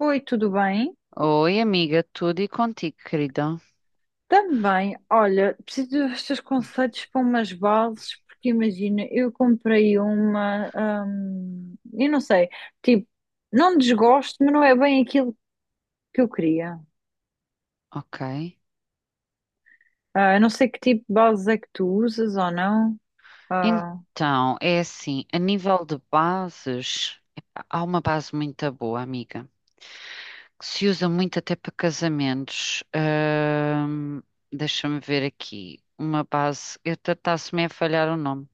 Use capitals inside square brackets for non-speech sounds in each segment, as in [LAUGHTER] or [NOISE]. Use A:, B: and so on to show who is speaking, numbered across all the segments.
A: Oi, tudo bem?
B: Oi, amiga, tudo e contigo, querida?
A: Também, olha, preciso dos teus conselhos para umas bases, porque imagina, eu comprei uma, eu não sei, tipo, não desgosto, mas não é bem aquilo que eu queria.
B: Ok.
A: Ah, eu não sei que tipo de bases é que tu usas ou não. Ah,
B: Então, é assim, a nível de bases, epá, há uma base muito boa, amiga, que se usa muito até para casamentos. Deixa-me ver aqui. Uma base, eu está-se-me a falhar o nome.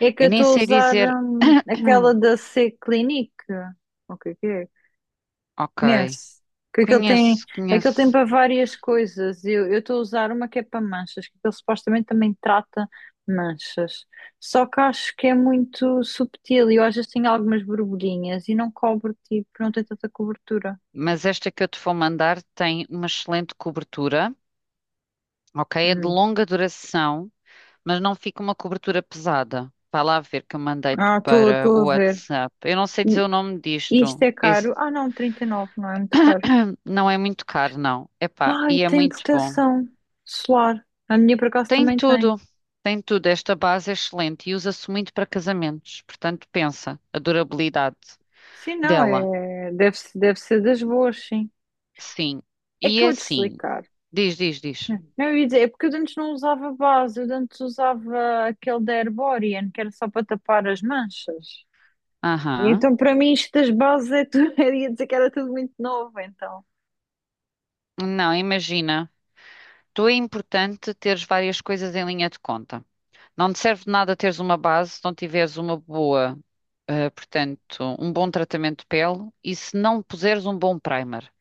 A: é que eu
B: Eu nem
A: estou a
B: sei
A: usar,
B: dizer.
A: aquela
B: [COUGHS] [CLEARS THROAT]
A: da C-Clinique. O que é que é?
B: Ok,
A: Conhece? Que
B: conheço,
A: aquilo tem
B: conheço.
A: para várias coisas. Eu estou a usar uma que é para manchas, que aquilo supostamente também trata manchas. Só que acho que é muito subtil e eu às vezes tenho algumas borbulhinhas e não cobre, tipo, não tem tanta cobertura.
B: Mas esta que eu te vou mandar tem uma excelente cobertura, ok? É de
A: Hum.
B: longa duração, mas não fica uma cobertura pesada. Vai lá ver que eu mandei-te
A: Ah, estou
B: para
A: estou
B: o
A: a ver.
B: WhatsApp. Eu não sei
A: E
B: dizer o nome
A: isto
B: disto.
A: é
B: Esse
A: caro? Ah, não, 39 não é muito caro.
B: [CLEARS THROAT] não é muito caro, não. Epá,
A: Ai,
B: e é
A: tem
B: muito bom.
A: proteção solar. A minha por acaso
B: Tem
A: também tem.
B: tudo, tem tudo. Esta base é excelente e usa-se muito para casamentos. Portanto, pensa, a durabilidade
A: Sim, não,
B: dela.
A: é, deve, deve ser das boas, sim.
B: Sim.
A: É que
B: E
A: eu
B: é
A: vou te
B: assim,
A: explicar.
B: diz.
A: Hum. Não, eu ia dizer, é porque eu antes não usava base, eu antes usava aquele da Herborian, que era só para tapar as manchas. E
B: Aham.
A: então, para mim, isto das bases é tudo, [LAUGHS] eu ia dizer que era tudo muito novo, então.
B: Não, imagina. Tu é importante teres várias coisas em linha de conta. Não te serve de nada teres uma base se não tiveres uma boa, portanto, um bom tratamento de pele e se não puseres um bom primer,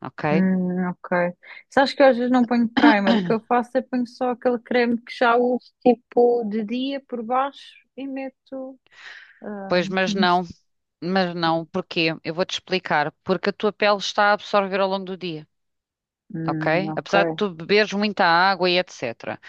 B: ok?
A: Ok. Sabes que eu às vezes não ponho primer, o que eu faço é ponho só aquele creme que já uso, tipo, de dia por baixo e meto. ah,
B: Pois,
A: não sei.
B: mas não, porquê? Eu vou-te explicar. Porque a tua pele está a absorver ao longo do dia,
A: Hum,
B: ok?
A: ok.
B: Apesar de tu beberes muita água e etc.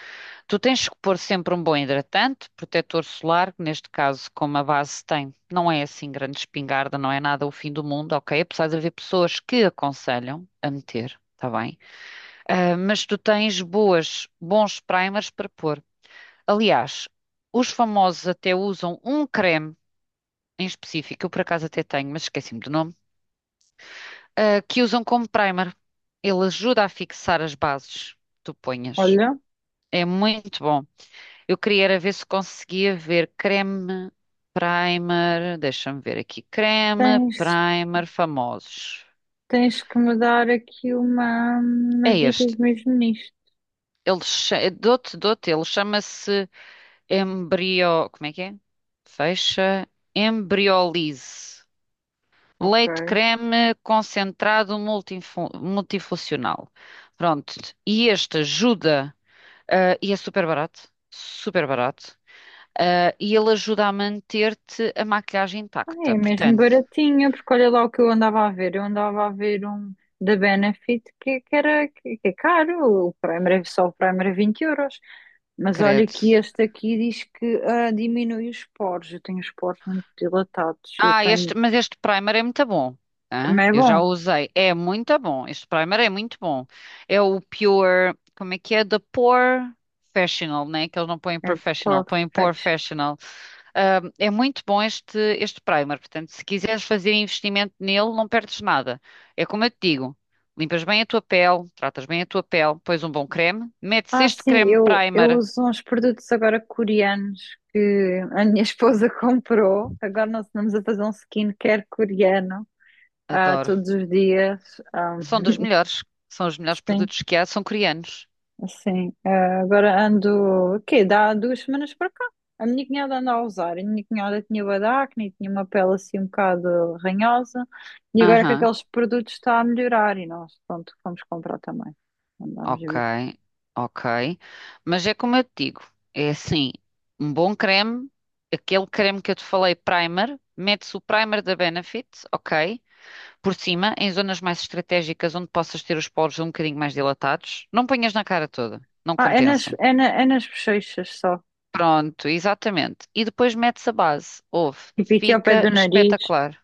B: Tu tens que pôr sempre um bom hidratante, protetor solar, que neste caso, como a base tem, não é assim grande espingarda, não é nada o fim do mundo, ok? Apesar de haver pessoas que aconselham a meter, está bem? Ah, mas tu tens boas, bons primers para pôr. Aliás, os famosos até usam um creme em específico, eu por acaso até tenho, mas esqueci-me do nome, ah, que usam como primer. Ele ajuda a fixar as bases que tu ponhas.
A: Olha,
B: É muito bom. Eu queria era ver se conseguia ver creme, primer, deixa-me ver aqui, creme,
A: tens,
B: primer, famosos.
A: tens que me dar aqui uma,
B: É
A: umas
B: este.
A: dicas mesmo nisto.
B: Ele, dou-te, ele chama-se Embrio. Como é que é? Fecha. Embriolise.
A: Ok.
B: Leite creme concentrado multifuncional. Pronto. E este ajuda, ah, e é super barato. Super barato. Ah, e ele ajuda a manter-te a maquilhagem
A: Ah, é
B: intacta.
A: mesmo
B: Portanto,
A: baratinha, porque olha lá o que eu andava a ver. Eu andava a ver um da Benefit que era que é caro, o Prime, era- só o Prime era 20 euros. Mas olha
B: credo.
A: que este aqui diz que ah, diminui os poros. Eu tenho os poros muito dilatados. Eu
B: Ah,
A: tenho.
B: este, mas este primer é muito bom. Hã?
A: Também é
B: Eu já o
A: bom.
B: usei. É muito bom. Este primer é muito bom. É o Pure. Como é que é? The Pore Professional, né? Que eles não põem
A: É poro
B: professional, põem Pore
A: fresh.
B: Professional. É muito bom este primer. Portanto, se quiseres fazer investimento nele, não perdes nada. É como eu te digo: limpas bem a tua pele, tratas bem a tua pele, pões um bom creme, metes
A: Ah,
B: este
A: sim,
B: creme
A: eu
B: primer.
A: uso uns produtos agora coreanos que a minha esposa [LAUGHS] comprou. Agora nós andamos a fazer um skincare coreano
B: Adoro.
A: todos os dias. Ah,
B: São dos melhores. São os melhores
A: sim.
B: produtos que há, são coreanos.
A: Sim, agora ando, o quê? Dá 2 semanas para cá. A minha cunhada anda a usar. A minha cunhada tinha bué de acne e tinha uma pele assim um bocado ranhosa. E agora que
B: Aham.
A: aqueles produtos está a melhorar e nós, pronto, fomos comprar também. Andámos a
B: Ok,
A: ver.
B: ok. Mas é como eu te digo, é assim, um bom creme, aquele creme que eu te falei, primer, mete-se o primer da Benefit, ok, por cima, em zonas mais estratégicas onde possas ter os poros um bocadinho mais dilatados. Não ponhas na cara toda, não
A: Ah, é nas,
B: compensa.
A: é na, é nas bochechas só.
B: Pronto, exatamente. E depois metes a base, ouve,
A: Tipo aqui ao pé do
B: fica
A: nariz.
B: espetacular.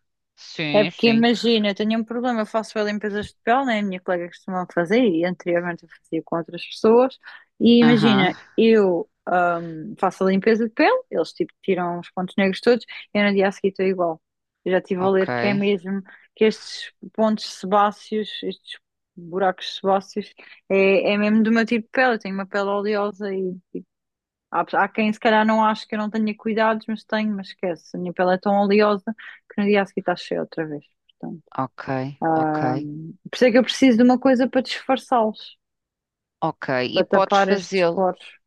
A: É
B: Sim,
A: porque
B: sim.
A: imagina, eu tenho um problema, eu faço limpezas de pele, né? A minha colega costuma fazer e anteriormente eu fazia com outras pessoas. E
B: Aham.
A: imagina, eu faço a limpeza de pele, eles tipo tiram os pontos negros todos, e eu no dia a seguir estou igual. Eu já estive a
B: Ok,
A: ler que é mesmo que estes pontos sebáceos, estes buracos sebáceos, é, é mesmo do meu tipo de pele. Eu tenho uma pele oleosa e há, pe- há quem se calhar não acha que eu não tenha cuidados, mas tenho, mas esquece. A minha pele é tão oleosa que no dia a seguir está cheia outra vez. Portanto,
B: ok, ok,
A: ah, por isso é que eu preciso de uma coisa para disfarçá-los,
B: ok. E
A: para
B: podes
A: tapar estes
B: fazê-lo.
A: poros.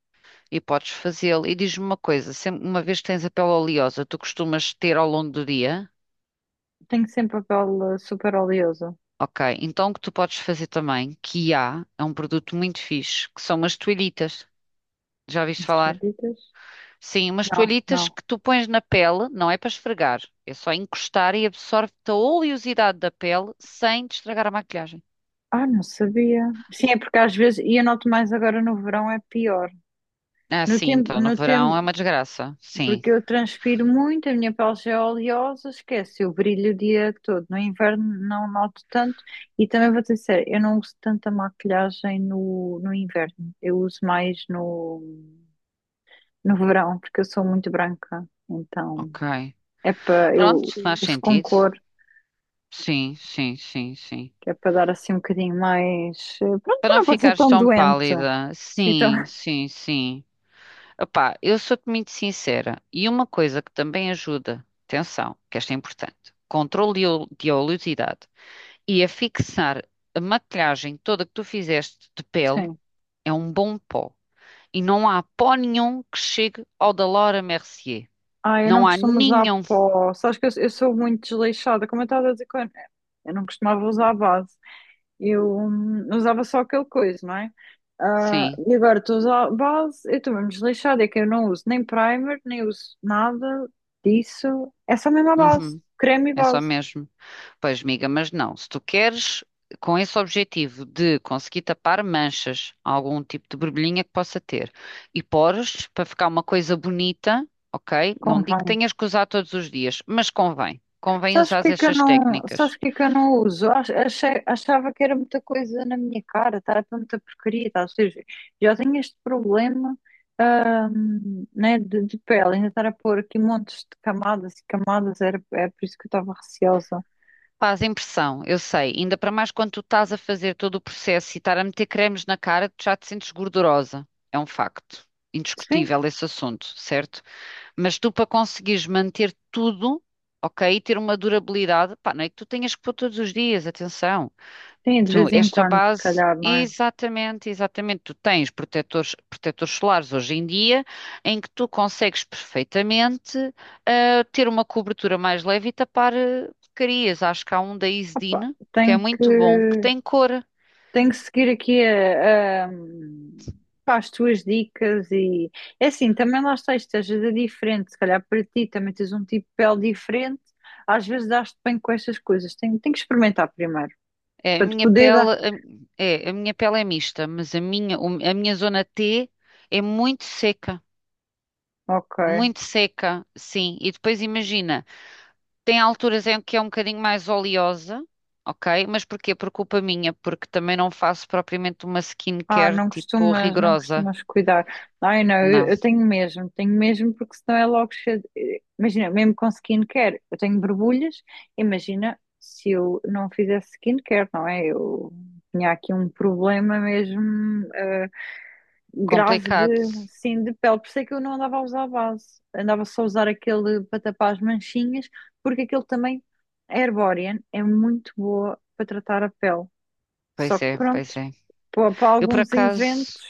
B: E podes fazê-lo. E diz-me uma coisa, sempre, uma vez que tens a pele oleosa, tu costumas ter ao longo do dia?
A: Tenho sempre a pele super oleosa.
B: Ok, então o que tu podes fazer também, que há, é um produto muito fixe, que são umas toalhitas. Já viste
A: Estas
B: falar?
A: ditas?
B: Sim, umas
A: Não,
B: toalhitas
A: não.
B: que tu pões na pele, não é para esfregar, é só encostar e absorve-te a oleosidade da pele sem te estragar a maquilhagem.
A: Ah, não sabia. Sim, é porque às vezes, e eu noto mais agora no verão, é pior.
B: Ah,
A: No
B: sim,
A: tempo,
B: então no
A: no
B: verão
A: tempo,
B: é uma desgraça. Sim,
A: porque eu transpiro muito, a minha pele já é oleosa, esquece, eu brilho o dia todo. No inverno não noto tanto e também vou dizer, sério, eu não uso tanta maquilhagem no, no inverno, eu uso mais no, no verão, porque eu sou muito branca, então
B: ok.
A: é para eu
B: Pronto, faz
A: uso com
B: sentido.
A: cor,
B: Sim, sim, sim, sim.
A: que é para dar assim um bocadinho mais, pronto,
B: Para
A: para
B: não
A: não parecer
B: ficares
A: tão
B: tão
A: doente.
B: pálida.
A: Sim, então,
B: Sim,
A: [LAUGHS]
B: sim, sim. Opá, eu sou-te muito sincera. E uma coisa que também ajuda, atenção, que esta é importante, controle de oleosidade. E a fixar a maquilhagem toda que tu fizeste de pele
A: sim.
B: é um bom pó. E não há pó nenhum que chegue ao da Laura Mercier.
A: Ah, eu não
B: Não há
A: costumo usar
B: nenhum.
A: pó. Sabes que eu sou muito desleixada, como eu estava a dizer, com- eu não costumava usar base. Eu usava só aquele coisa, não é? Ah,
B: Sim.
A: e agora estou a usar base, eu estou mesmo desleixada, é que eu não uso nem primer, nem uso nada disso. É só mesmo a base,
B: Uhum.
A: creme e
B: É só
A: base,
B: mesmo. Pois, amiga, mas não. Se tu queres, com esse objetivo de conseguir tapar manchas, algum tipo de borbulhinha que possa ter, e pores para ficar uma coisa bonita, ok? Não digo que
A: convém.
B: tenhas que usar todos os dias, mas convém. Convém
A: Sabes
B: usar
A: porque é que eu
B: estas
A: não, sabes
B: técnicas.
A: porque é que eu não uso? Ach- achei, achava que era muita coisa na minha cara, estava muita porcaria, tá? Ou seja, já tenho este problema, né, de pele, ainda estar a pôr aqui montes de camadas e camadas, era, é por isso que eu estava receosa.
B: Faz impressão, eu sei. Ainda para mais quando tu estás a fazer todo o processo e estar a meter cremes na cara, tu já te sentes gordurosa. É um facto.
A: Sim.
B: Indiscutível esse assunto, certo? Mas tu, para conseguires manter tudo, ok, e ter uma durabilidade, pá, não é que tu tenhas que pôr todos os dias, atenção.
A: Sim, de
B: Então,
A: vez em
B: esta
A: quando, se
B: base,
A: calhar, não é?
B: exatamente, exatamente, tu tens protetores, protetores solares hoje em dia, em que tu consegues perfeitamente, ah, ter uma cobertura mais leve e tapar, ah, porcarias. Acho que há um da
A: Opa,
B: Isdin, que é muito bom, que tem cor.
A: tenho que seguir aqui a- pá, as tuas dicas e é assim, também lá está, isto às vezes é diferente, se calhar para ti também tens um tipo de pele diferente, às vezes dás-te bem com estas coisas, tenho, tenho que experimentar primeiro,
B: É, a
A: para te
B: minha
A: poder
B: pele,
A: dar.
B: a- é, a minha pele é mista, mas a minha zona T é muito seca.
A: Ok.
B: Muito seca, sim. E depois imagina, tem alturas em que é um bocadinho mais oleosa, ok? Mas porquê? Por culpa minha, porque também não faço propriamente uma
A: Ah,
B: skincare
A: não
B: tipo
A: costumas, não
B: rigorosa.
A: costumas cuidar. Ai, não,
B: Não,
A: eu tenho mesmo, porque senão é logo cheio. De- imagina, mesmo com skincare, eu tenho borbulhas. Imagina se eu não fizesse skincare, não é? Eu tinha aqui um problema mesmo eh, grave de,
B: complicado.
A: sim, de pele. Por isso é que eu não andava a usar base. Andava só a usar aquele para tapar as manchinhas, porque aquele também, a Herborian, é muito boa para tratar a pele. Só
B: Pois
A: que
B: é,
A: pronto.
B: pois é.
A: Para, para
B: Eu por
A: alguns inventos
B: acaso,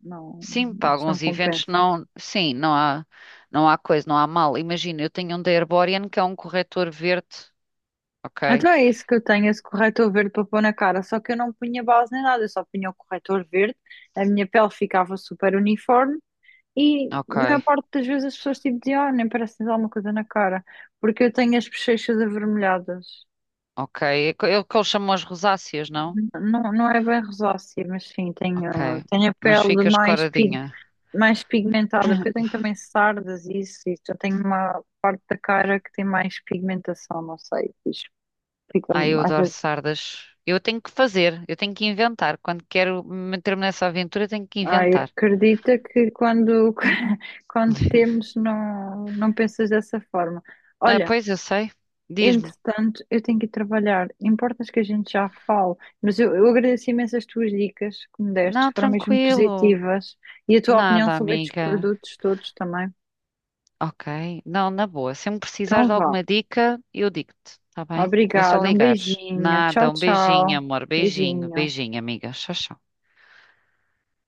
A: não,
B: sim, para
A: acho que não
B: alguns eventos
A: compensa.
B: não, sim, não há, não há coisa, não há mal. Imagina, eu tenho um da Herborian que é um corretor verde, ok?
A: Então é isso que eu tenho, esse corretor verde para pôr na cara. Só que eu não punha base nem nada, eu só punha o corretor verde, a minha pele ficava super uniforme e
B: Ok,
A: na maior parte das vezes as pessoas tipo diziam, ah, nem parece que tens alguma coisa na cara, porque eu tenho as bochechas avermelhadas.
B: ok. É o que eles chamam as rosáceas, não?
A: Não, não é bem rosácea, mas sim,
B: Ok,
A: tenho, tenho a
B: mas
A: pele
B: fica escoradinha.
A: mais pigmentada, porque eu tenho também sardas e isso, e eu tenho uma parte da cara que tem mais pigmentação, não sei, fiz- fica
B: Ai, eu
A: às
B: adoro
A: vezes.
B: sardas. Eu tenho que fazer, eu tenho que inventar. Quando quero meter-me nessa aventura, tenho que
A: Ai,
B: inventar.
A: acredita que quando, [LAUGHS] quando
B: [LAUGHS]
A: temos não, não pensas dessa forma.
B: Ah,
A: Olha,
B: pois eu sei. Diz-me.
A: entretanto, eu tenho que ir trabalhar. Importas que a gente já fale, mas eu agradeço imenso as tuas dicas que me deste,
B: Não,
A: foram mesmo
B: tranquilo.
A: positivas, e a tua opinião
B: Nada,
A: sobre estes
B: amiga.
A: produtos todos também.
B: Ok. Não, na boa. Se me precisares
A: Então
B: de
A: vá.
B: alguma dica, eu digo-te, tá bem? É só
A: Obrigada, um
B: ligares.
A: beijinho. Tchau,
B: Nada, um beijinho,
A: tchau.
B: amor. Beijinho,
A: Beijinho.
B: beijinho, amiga. Tchau, tchau.